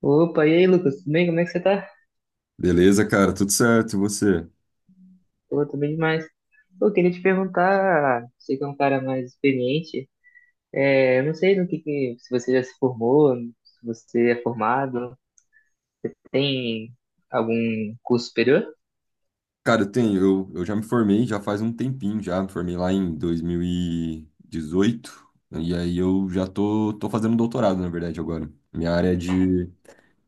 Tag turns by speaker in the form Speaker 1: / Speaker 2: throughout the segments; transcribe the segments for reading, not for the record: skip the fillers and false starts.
Speaker 1: Opa, e aí, Lucas? Tudo bem? Como é que você tá?
Speaker 2: Beleza, cara, tudo certo, e você?
Speaker 1: Pô, tô bem demais. Eu queria te perguntar, você que é um cara mais experiente, eu não sei se você já se formou, se você é formado, tem algum curso superior?
Speaker 2: Cara, eu tenho, eu já me formei já faz um tempinho já, me formei lá em 2018, e dezoito, né, e aí eu já tô, tô fazendo um doutorado, na verdade, agora. Minha área é de,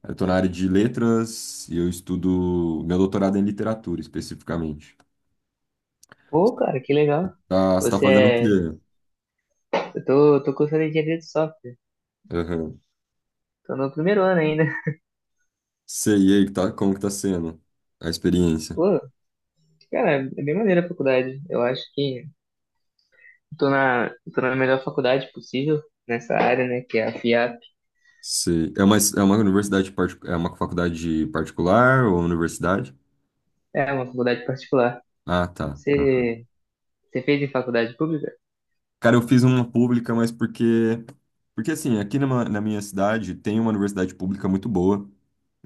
Speaker 2: eu tô na área de letras e eu estudo, meu doutorado é em literatura, especificamente.
Speaker 1: Pô, cara, que legal.
Speaker 2: Tá, você tá
Speaker 1: Você
Speaker 2: fazendo o
Speaker 1: é...
Speaker 2: quê?
Speaker 1: Eu tô cursando engenharia de software,
Speaker 2: Aham.
Speaker 1: tô no primeiro ano ainda.
Speaker 2: Sei, e aí, que tá, como que tá sendo a experiência?
Speaker 1: Pô, cara, é bem maneira a faculdade. Eu acho que tô na, tô na melhor faculdade possível nessa área, né, que é a FIAP.
Speaker 2: Sei. É uma universidade, é uma faculdade particular ou universidade?
Speaker 1: É uma faculdade particular.
Speaker 2: Ah, tá.
Speaker 1: Você Você fez em faculdade pública?
Speaker 2: Cara, eu fiz uma pública, mas porque. Porque assim, na minha cidade tem uma universidade pública muito boa.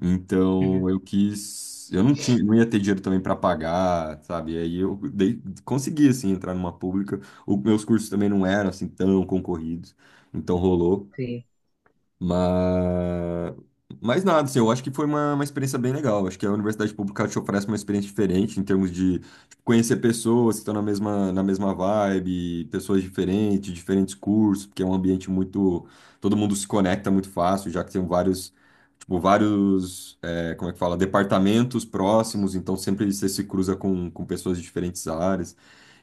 Speaker 2: Então
Speaker 1: Uhum.
Speaker 2: eu quis. Eu não tinha, não ia ter dinheiro também para pagar, sabe? E aí eu dei, consegui, assim, entrar numa pública. O, meus cursos também não eram, assim, tão concorridos. Então rolou.
Speaker 1: Sim,
Speaker 2: Mas, mas nada, assim, eu acho que foi uma experiência bem legal. Acho que a universidade pública te oferece uma experiência diferente em termos de tipo, conhecer pessoas que estão na mesma vibe, pessoas diferentes, diferentes cursos, porque é um ambiente muito. Todo mundo se conecta muito fácil, já que tem vários tipo, vários, é, como é que fala, departamentos próximos, então sempre você se cruza com pessoas de diferentes áreas.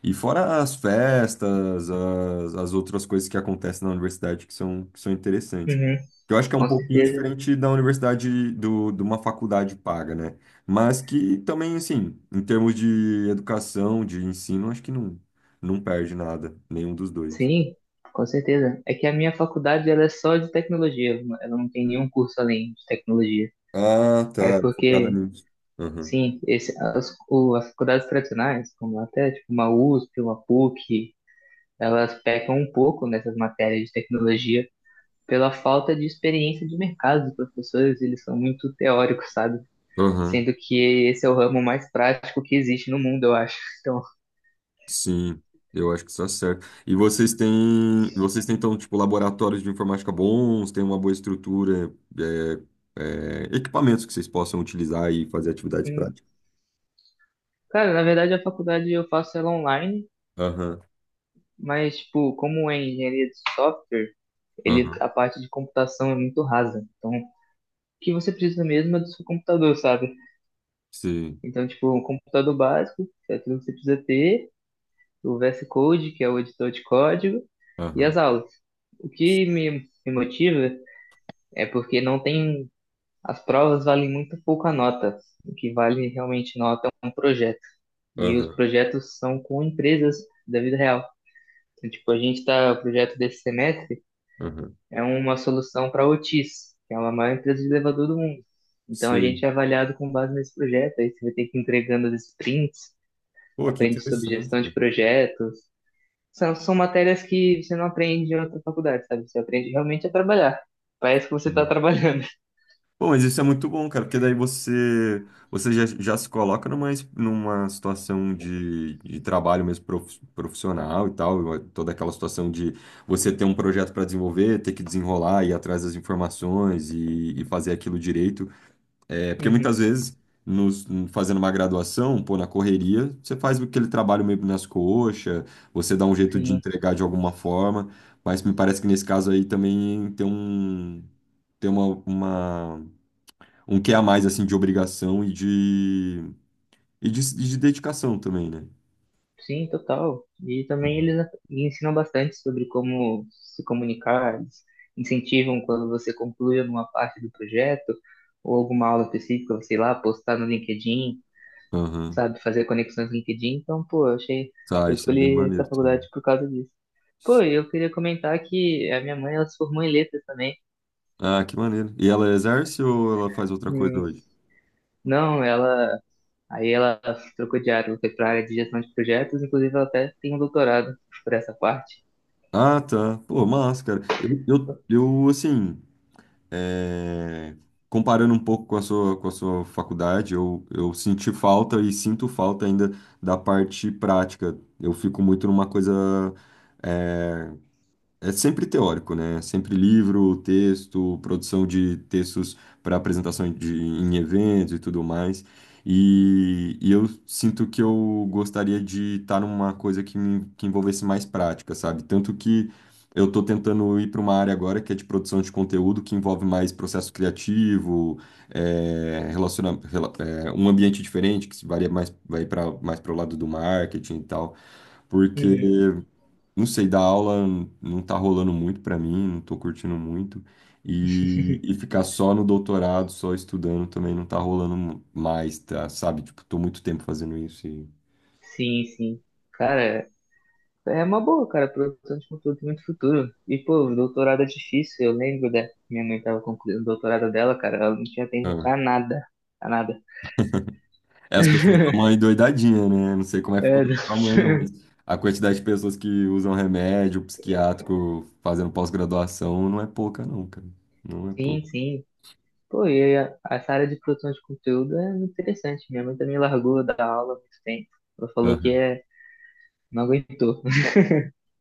Speaker 2: E fora as festas, as outras coisas que acontecem na universidade que são interessantes.
Speaker 1: uhum,
Speaker 2: Que eu acho que é um
Speaker 1: com
Speaker 2: pouquinho
Speaker 1: certeza.
Speaker 2: diferente da universidade, do, de uma faculdade paga, né? Mas que também, assim, em termos de educação, de ensino, acho que não, não perde nada, nenhum dos dois.
Speaker 1: Sim, com certeza. É que a minha faculdade ela é só de tecnologia, ela não tem nenhum curso além de tecnologia.
Speaker 2: Ah,
Speaker 1: É
Speaker 2: tá, focada
Speaker 1: porque,
Speaker 2: nisso. Aham.
Speaker 1: sim, as faculdades tradicionais, como até tipo, uma USP, uma PUC, elas pecam um pouco nessas matérias de tecnologia pela falta de experiência de mercado dos professores, eles são muito teóricos, sabe?
Speaker 2: Aham.
Speaker 1: Sendo que esse é o ramo mais prático que existe no mundo, eu acho.
Speaker 2: Sim, eu acho que isso é certo. E vocês têm então, tipo, laboratórios de informática bons, têm uma boa estrutura, é, é, equipamentos que vocês possam utilizar e fazer atividades
Speaker 1: Então,
Speaker 2: práticas.
Speaker 1: cara, na verdade a faculdade eu faço ela online,
Speaker 2: Aham,
Speaker 1: mas tipo, como é engenharia de software,
Speaker 2: aham,
Speaker 1: a parte de computação é muito rasa. Então, o que você precisa mesmo é do seu computador, sabe?
Speaker 2: sim,
Speaker 1: Então, tipo, um computador básico, que é tudo que você precisa ter, o VS Code, que é o editor de código, e
Speaker 2: aham,
Speaker 1: as aulas. O que me motiva é porque não tem, as provas valem muito pouco a nota. O que vale realmente nota é um projeto. E os
Speaker 2: aham,
Speaker 1: projetos são com empresas da vida real. Então, tipo, o projeto desse semestre
Speaker 2: aham,
Speaker 1: é uma solução para a Otis, que é uma maior empresa de elevador do mundo. Então, a
Speaker 2: sim.
Speaker 1: gente é avaliado com base nesse projeto, aí você vai ter que ir entregando as sprints,
Speaker 2: Pô, que
Speaker 1: aprende sobre
Speaker 2: interessante.
Speaker 1: gestão de
Speaker 2: Cara.
Speaker 1: projetos. São matérias que você não aprende em outra faculdade, sabe? Você aprende realmente a trabalhar. Parece que você tá trabalhando.
Speaker 2: Bom, mas isso é muito bom, cara, porque daí você, você já, já se coloca numa, numa situação de trabalho mesmo profissional e tal, toda aquela situação de você ter um projeto para desenvolver, ter que desenrolar, ir atrás das informações e fazer aquilo direito. É, porque
Speaker 1: Uhum.
Speaker 2: muitas vezes, nos, fazendo uma graduação, pô, na correria, você faz aquele trabalho meio nas coxas, você dá um jeito de
Speaker 1: Sim.
Speaker 2: entregar de alguma forma, mas me parece que nesse caso aí também tem um. Tem uma um quê a mais, assim, de obrigação e de, e de, e de dedicação também, né?
Speaker 1: Sim, total. E também eles ensinam bastante sobre como se comunicar, eles incentivam quando você conclui alguma parte do projeto ou alguma aula específica, sei lá, postar no LinkedIn,
Speaker 2: Aham.
Speaker 1: sabe, fazer conexões no LinkedIn. Então, pô,
Speaker 2: Tá,
Speaker 1: eu
Speaker 2: isso é bem
Speaker 1: escolhi essa
Speaker 2: maneiro também.
Speaker 1: faculdade por causa disso. Pô,
Speaker 2: Sim.
Speaker 1: e eu queria comentar que a minha mãe, ela se formou em letras também.
Speaker 2: Ah, que maneiro. E ela exerce ou ela faz outra coisa
Speaker 1: Hum,
Speaker 2: hoje?
Speaker 1: não, aí ela trocou de área, ela foi para a área de gestão de projetos, inclusive ela até tem um doutorado por essa parte.
Speaker 2: Ah, tá. Pô, massa, cara. Eu assim, é, comparando um pouco com a sua faculdade, eu senti falta e sinto falta ainda da parte prática. Eu fico muito numa coisa é, é sempre teórico, né? Sempre livro, texto, produção de textos para apresentação de, em eventos e tudo mais. E eu sinto que eu gostaria de estar numa coisa que, que envolvesse mais prática, sabe? Tanto que eu estou tentando ir para uma área agora que é de produção de conteúdo, que envolve mais processo criativo, é, é, um ambiente diferente, que se varia mais, vai para mais para o lado do marketing e tal. Porque uhum. Não sei, dar aula não tá rolando muito pra mim, não tô curtindo muito. E ficar só no doutorado, só estudando também não tá rolando mais, tá? Sabe? Tipo, tô muito tempo fazendo isso e...
Speaker 1: Sim, sim. Cara, é uma boa, cara. Produção de conteúdo tem muito futuro. E, pô, doutorado é difícil. Eu lembro da minha mãe tava concluindo o doutorado dela, cara. Ela não tinha tempo
Speaker 2: Ah.
Speaker 1: pra nada. Pra nada.
Speaker 2: É, as pessoas estão uma endoidadinha, né? Não sei como é que ficou
Speaker 1: É, não.
Speaker 2: do tamanho, não, mas a quantidade de pessoas que usam remédio psiquiátrico fazendo pós-graduação não é pouca, não, cara. Não é
Speaker 1: Sim,
Speaker 2: pouca.
Speaker 1: sim. Pô, e essa área de produção de conteúdo é muito interessante. Minha mãe também largou da aula há muito tempo. Ela falou que
Speaker 2: Aham.
Speaker 1: é, não aguentou.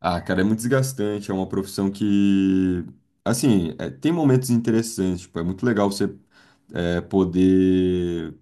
Speaker 2: Ah, cara, é muito desgastante. É uma profissão que, assim, é, tem momentos interessantes. Tipo, é muito legal você é, poder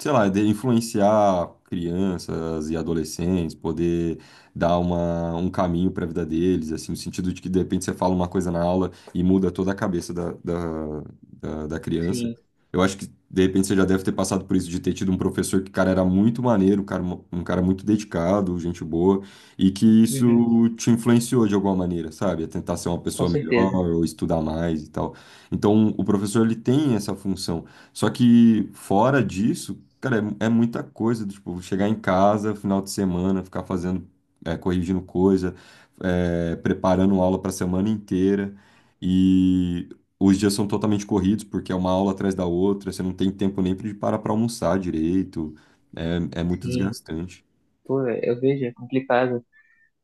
Speaker 2: sei lá, de influenciar crianças e adolescentes, poder dar uma, um caminho para a vida deles, assim, no sentido de que de repente você fala uma coisa na aula e muda toda a cabeça da, da, da, da criança.
Speaker 1: Sim,
Speaker 2: Eu acho que de repente você já deve ter passado por isso de ter tido um professor que, cara, era muito maneiro, cara, um cara muito dedicado, gente boa, e que
Speaker 1: uhum,
Speaker 2: isso te influenciou de alguma maneira, sabe? A tentar ser uma
Speaker 1: com
Speaker 2: pessoa melhor
Speaker 1: certeza.
Speaker 2: ou estudar mais e tal. Então, o professor ele tem essa função. Só que fora disso, cara, é, é muita coisa, do tipo, chegar em casa, final de semana, ficar fazendo, é, corrigindo coisa, é, preparando aula para a semana inteira. E os dias são totalmente corridos, porque é uma aula atrás da outra, você não tem tempo nem de parar para almoçar direito. É, é muito
Speaker 1: Sim,
Speaker 2: desgastante.
Speaker 1: pô, eu vejo, é complicado.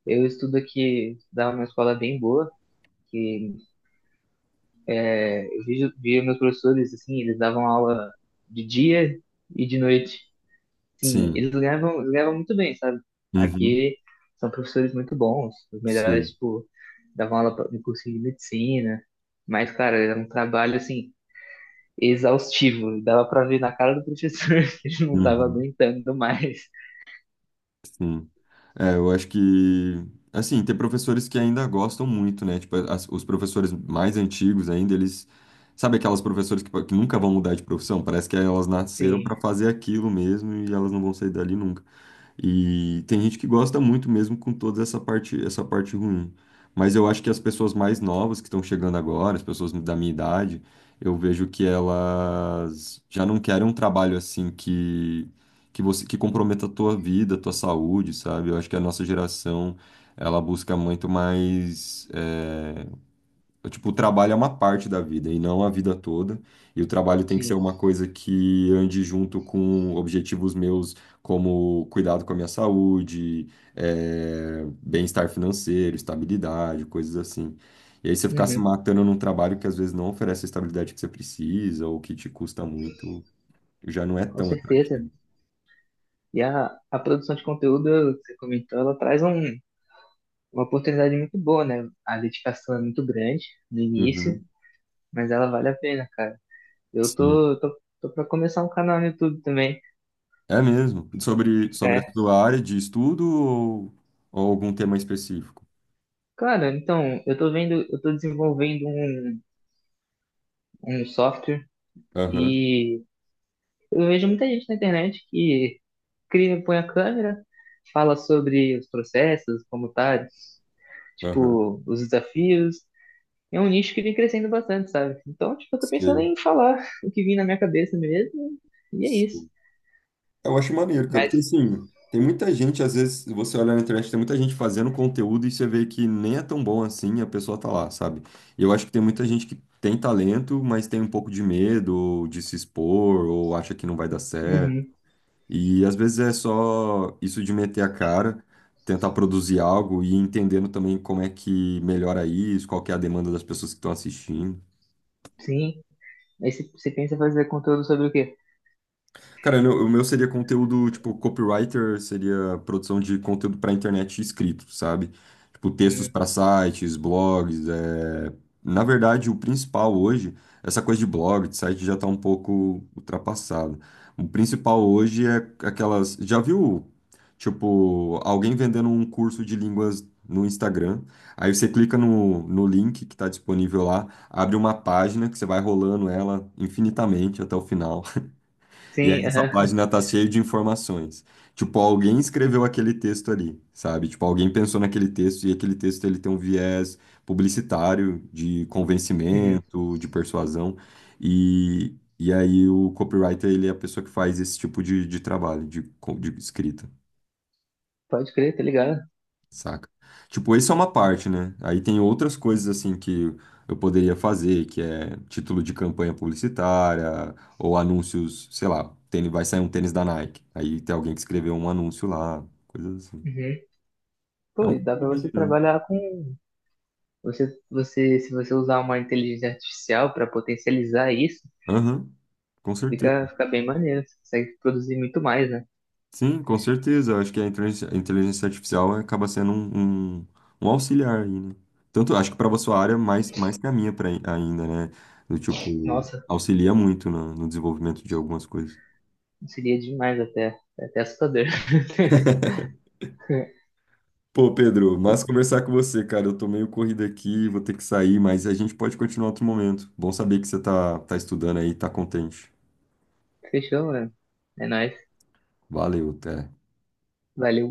Speaker 1: Estudava numa escola bem boa, que Eu via meus professores, assim, eles davam aula de dia e de noite. Sim,
Speaker 2: Sim.
Speaker 1: eles ganhavam muito bem, sabe?
Speaker 2: Uhum.
Speaker 1: Aqui são professores muito bons, os melhores,
Speaker 2: Sim.
Speaker 1: tipo, davam aula no curso de medicina. Mas, cara, era um trabalho, assim, exaustivo. Dava pra ver na cara do professor que ele não tava
Speaker 2: Uhum.
Speaker 1: aguentando mais.
Speaker 2: Sim. É, eu acho que, assim, tem professores que ainda gostam muito, né? Tipo, os professores mais antigos ainda, eles. Sabe aquelas professoras que nunca vão mudar de profissão? Parece que elas nasceram
Speaker 1: Sim,
Speaker 2: para fazer aquilo mesmo e elas não vão sair dali nunca. E tem gente que gosta muito mesmo com toda essa parte ruim. Mas eu acho que as pessoas mais novas que estão chegando agora, as pessoas da minha idade, eu vejo que elas já não querem um trabalho assim que você que comprometa a tua vida, a tua saúde, sabe? Eu acho que a nossa geração, ela busca muito mais tipo, o trabalho é uma parte da vida e não a vida toda. E o trabalho tem que ser
Speaker 1: sim.
Speaker 2: uma coisa que ande junto com objetivos meus, como cuidado com a minha saúde, bem-estar financeiro, estabilidade, coisas assim. E aí você ficar se
Speaker 1: Uhum,
Speaker 2: matando num trabalho que às vezes não oferece a estabilidade que você precisa ou que te custa muito, já não é
Speaker 1: com
Speaker 2: tão
Speaker 1: certeza.
Speaker 2: atrativo.
Speaker 1: E a produção de conteúdo, que você comentou, ela traz uma oportunidade muito boa, né? A dedicação é muito grande no início,
Speaker 2: Uhum,
Speaker 1: mas ela vale a pena, cara. Eu
Speaker 2: sim.
Speaker 1: tô pra começar um canal no YouTube também.
Speaker 2: É mesmo. Sobre, sobre a
Speaker 1: É.
Speaker 2: sua área de estudo ou algum tema específico?
Speaker 1: Cara, então, eu tô desenvolvendo um software
Speaker 2: Aham,
Speaker 1: e eu vejo muita gente na internet que cria, põe a câmera, fala sobre os processos, como tá,
Speaker 2: aham.
Speaker 1: tipo, os desafios. É um nicho que vem crescendo bastante, sabe? Então, tipo, eu tô pensando
Speaker 2: Sim.
Speaker 1: em falar o que vem na minha cabeça mesmo, e é isso.
Speaker 2: Eu acho maneiro, cara,
Speaker 1: Mas
Speaker 2: porque assim, tem muita gente, às vezes, você olha na internet, tem muita gente fazendo conteúdo e você vê que nem é tão bom assim, a pessoa tá lá, sabe? E eu acho que tem muita gente que tem talento, mas tem um pouco de medo ou de se expor ou acha que não vai dar certo.
Speaker 1: Uhum,
Speaker 2: E às vezes é só isso de meter a cara, tentar produzir algo e entendendo também como é que melhora isso, qual que é a demanda das pessoas que estão assistindo.
Speaker 1: sim. Aí você pensa em fazer conteúdo sobre o quê?
Speaker 2: Cara, o meu seria conteúdo, tipo, copywriter seria produção de conteúdo para internet escrito, sabe? Tipo, textos
Speaker 1: Hum,
Speaker 2: para sites, blogs. É... Na verdade, o principal hoje, essa coisa de blog, de site já tá um pouco ultrapassado. O principal hoje é aquelas. Já viu, tipo, alguém vendendo um curso de línguas no Instagram? Aí você clica no, no link que está disponível lá, abre uma página que você vai rolando ela infinitamente até o final. E aí
Speaker 1: sim,
Speaker 2: essa
Speaker 1: aham.
Speaker 2: página tá cheia de informações. Tipo, alguém escreveu aquele texto ali, sabe? Tipo, alguém pensou naquele texto e aquele texto ele tem um viés publicitário, de
Speaker 1: Uhum.
Speaker 2: convencimento, de persuasão. E aí o copywriter, ele é a pessoa que faz esse tipo de trabalho, de, de escrita.
Speaker 1: Pode crer, tá ligado?
Speaker 2: Saca? Tipo, isso é uma parte, né? Aí tem outras coisas assim que eu poderia fazer, que é título de campanha publicitária, ou anúncios, sei lá, tênis, vai sair um tênis da Nike. Aí tem alguém que escreveu um anúncio lá, coisas assim.
Speaker 1: Uhum.
Speaker 2: É
Speaker 1: Pô,
Speaker 2: um
Speaker 1: e dá
Speaker 2: pouco
Speaker 1: pra
Speaker 2: de
Speaker 1: você trabalhar com. Se você usar uma inteligência artificial pra potencializar isso,
Speaker 2: aham, com certeza.
Speaker 1: fica bem maneiro. Você consegue produzir muito mais, né?
Speaker 2: Sim, com certeza. Eu acho que a inteligência artificial acaba sendo um, um, um auxiliar aí, né? Tanto acho que para sua área, mais, mais que a minha pra, ainda, né? Do tipo,
Speaker 1: Nossa,
Speaker 2: auxilia muito no desenvolvimento de algumas coisas.
Speaker 1: seria demais até. É até assustador.
Speaker 2: Pô, Pedro, mas conversar com você, cara. Eu tô meio corrido aqui, vou ter que sair, mas a gente pode continuar outro momento. Bom saber que você tá, tá estudando aí, tá contente.
Speaker 1: Fechou, mano. É nóis.
Speaker 2: Valeu, até.
Speaker 1: Valeu.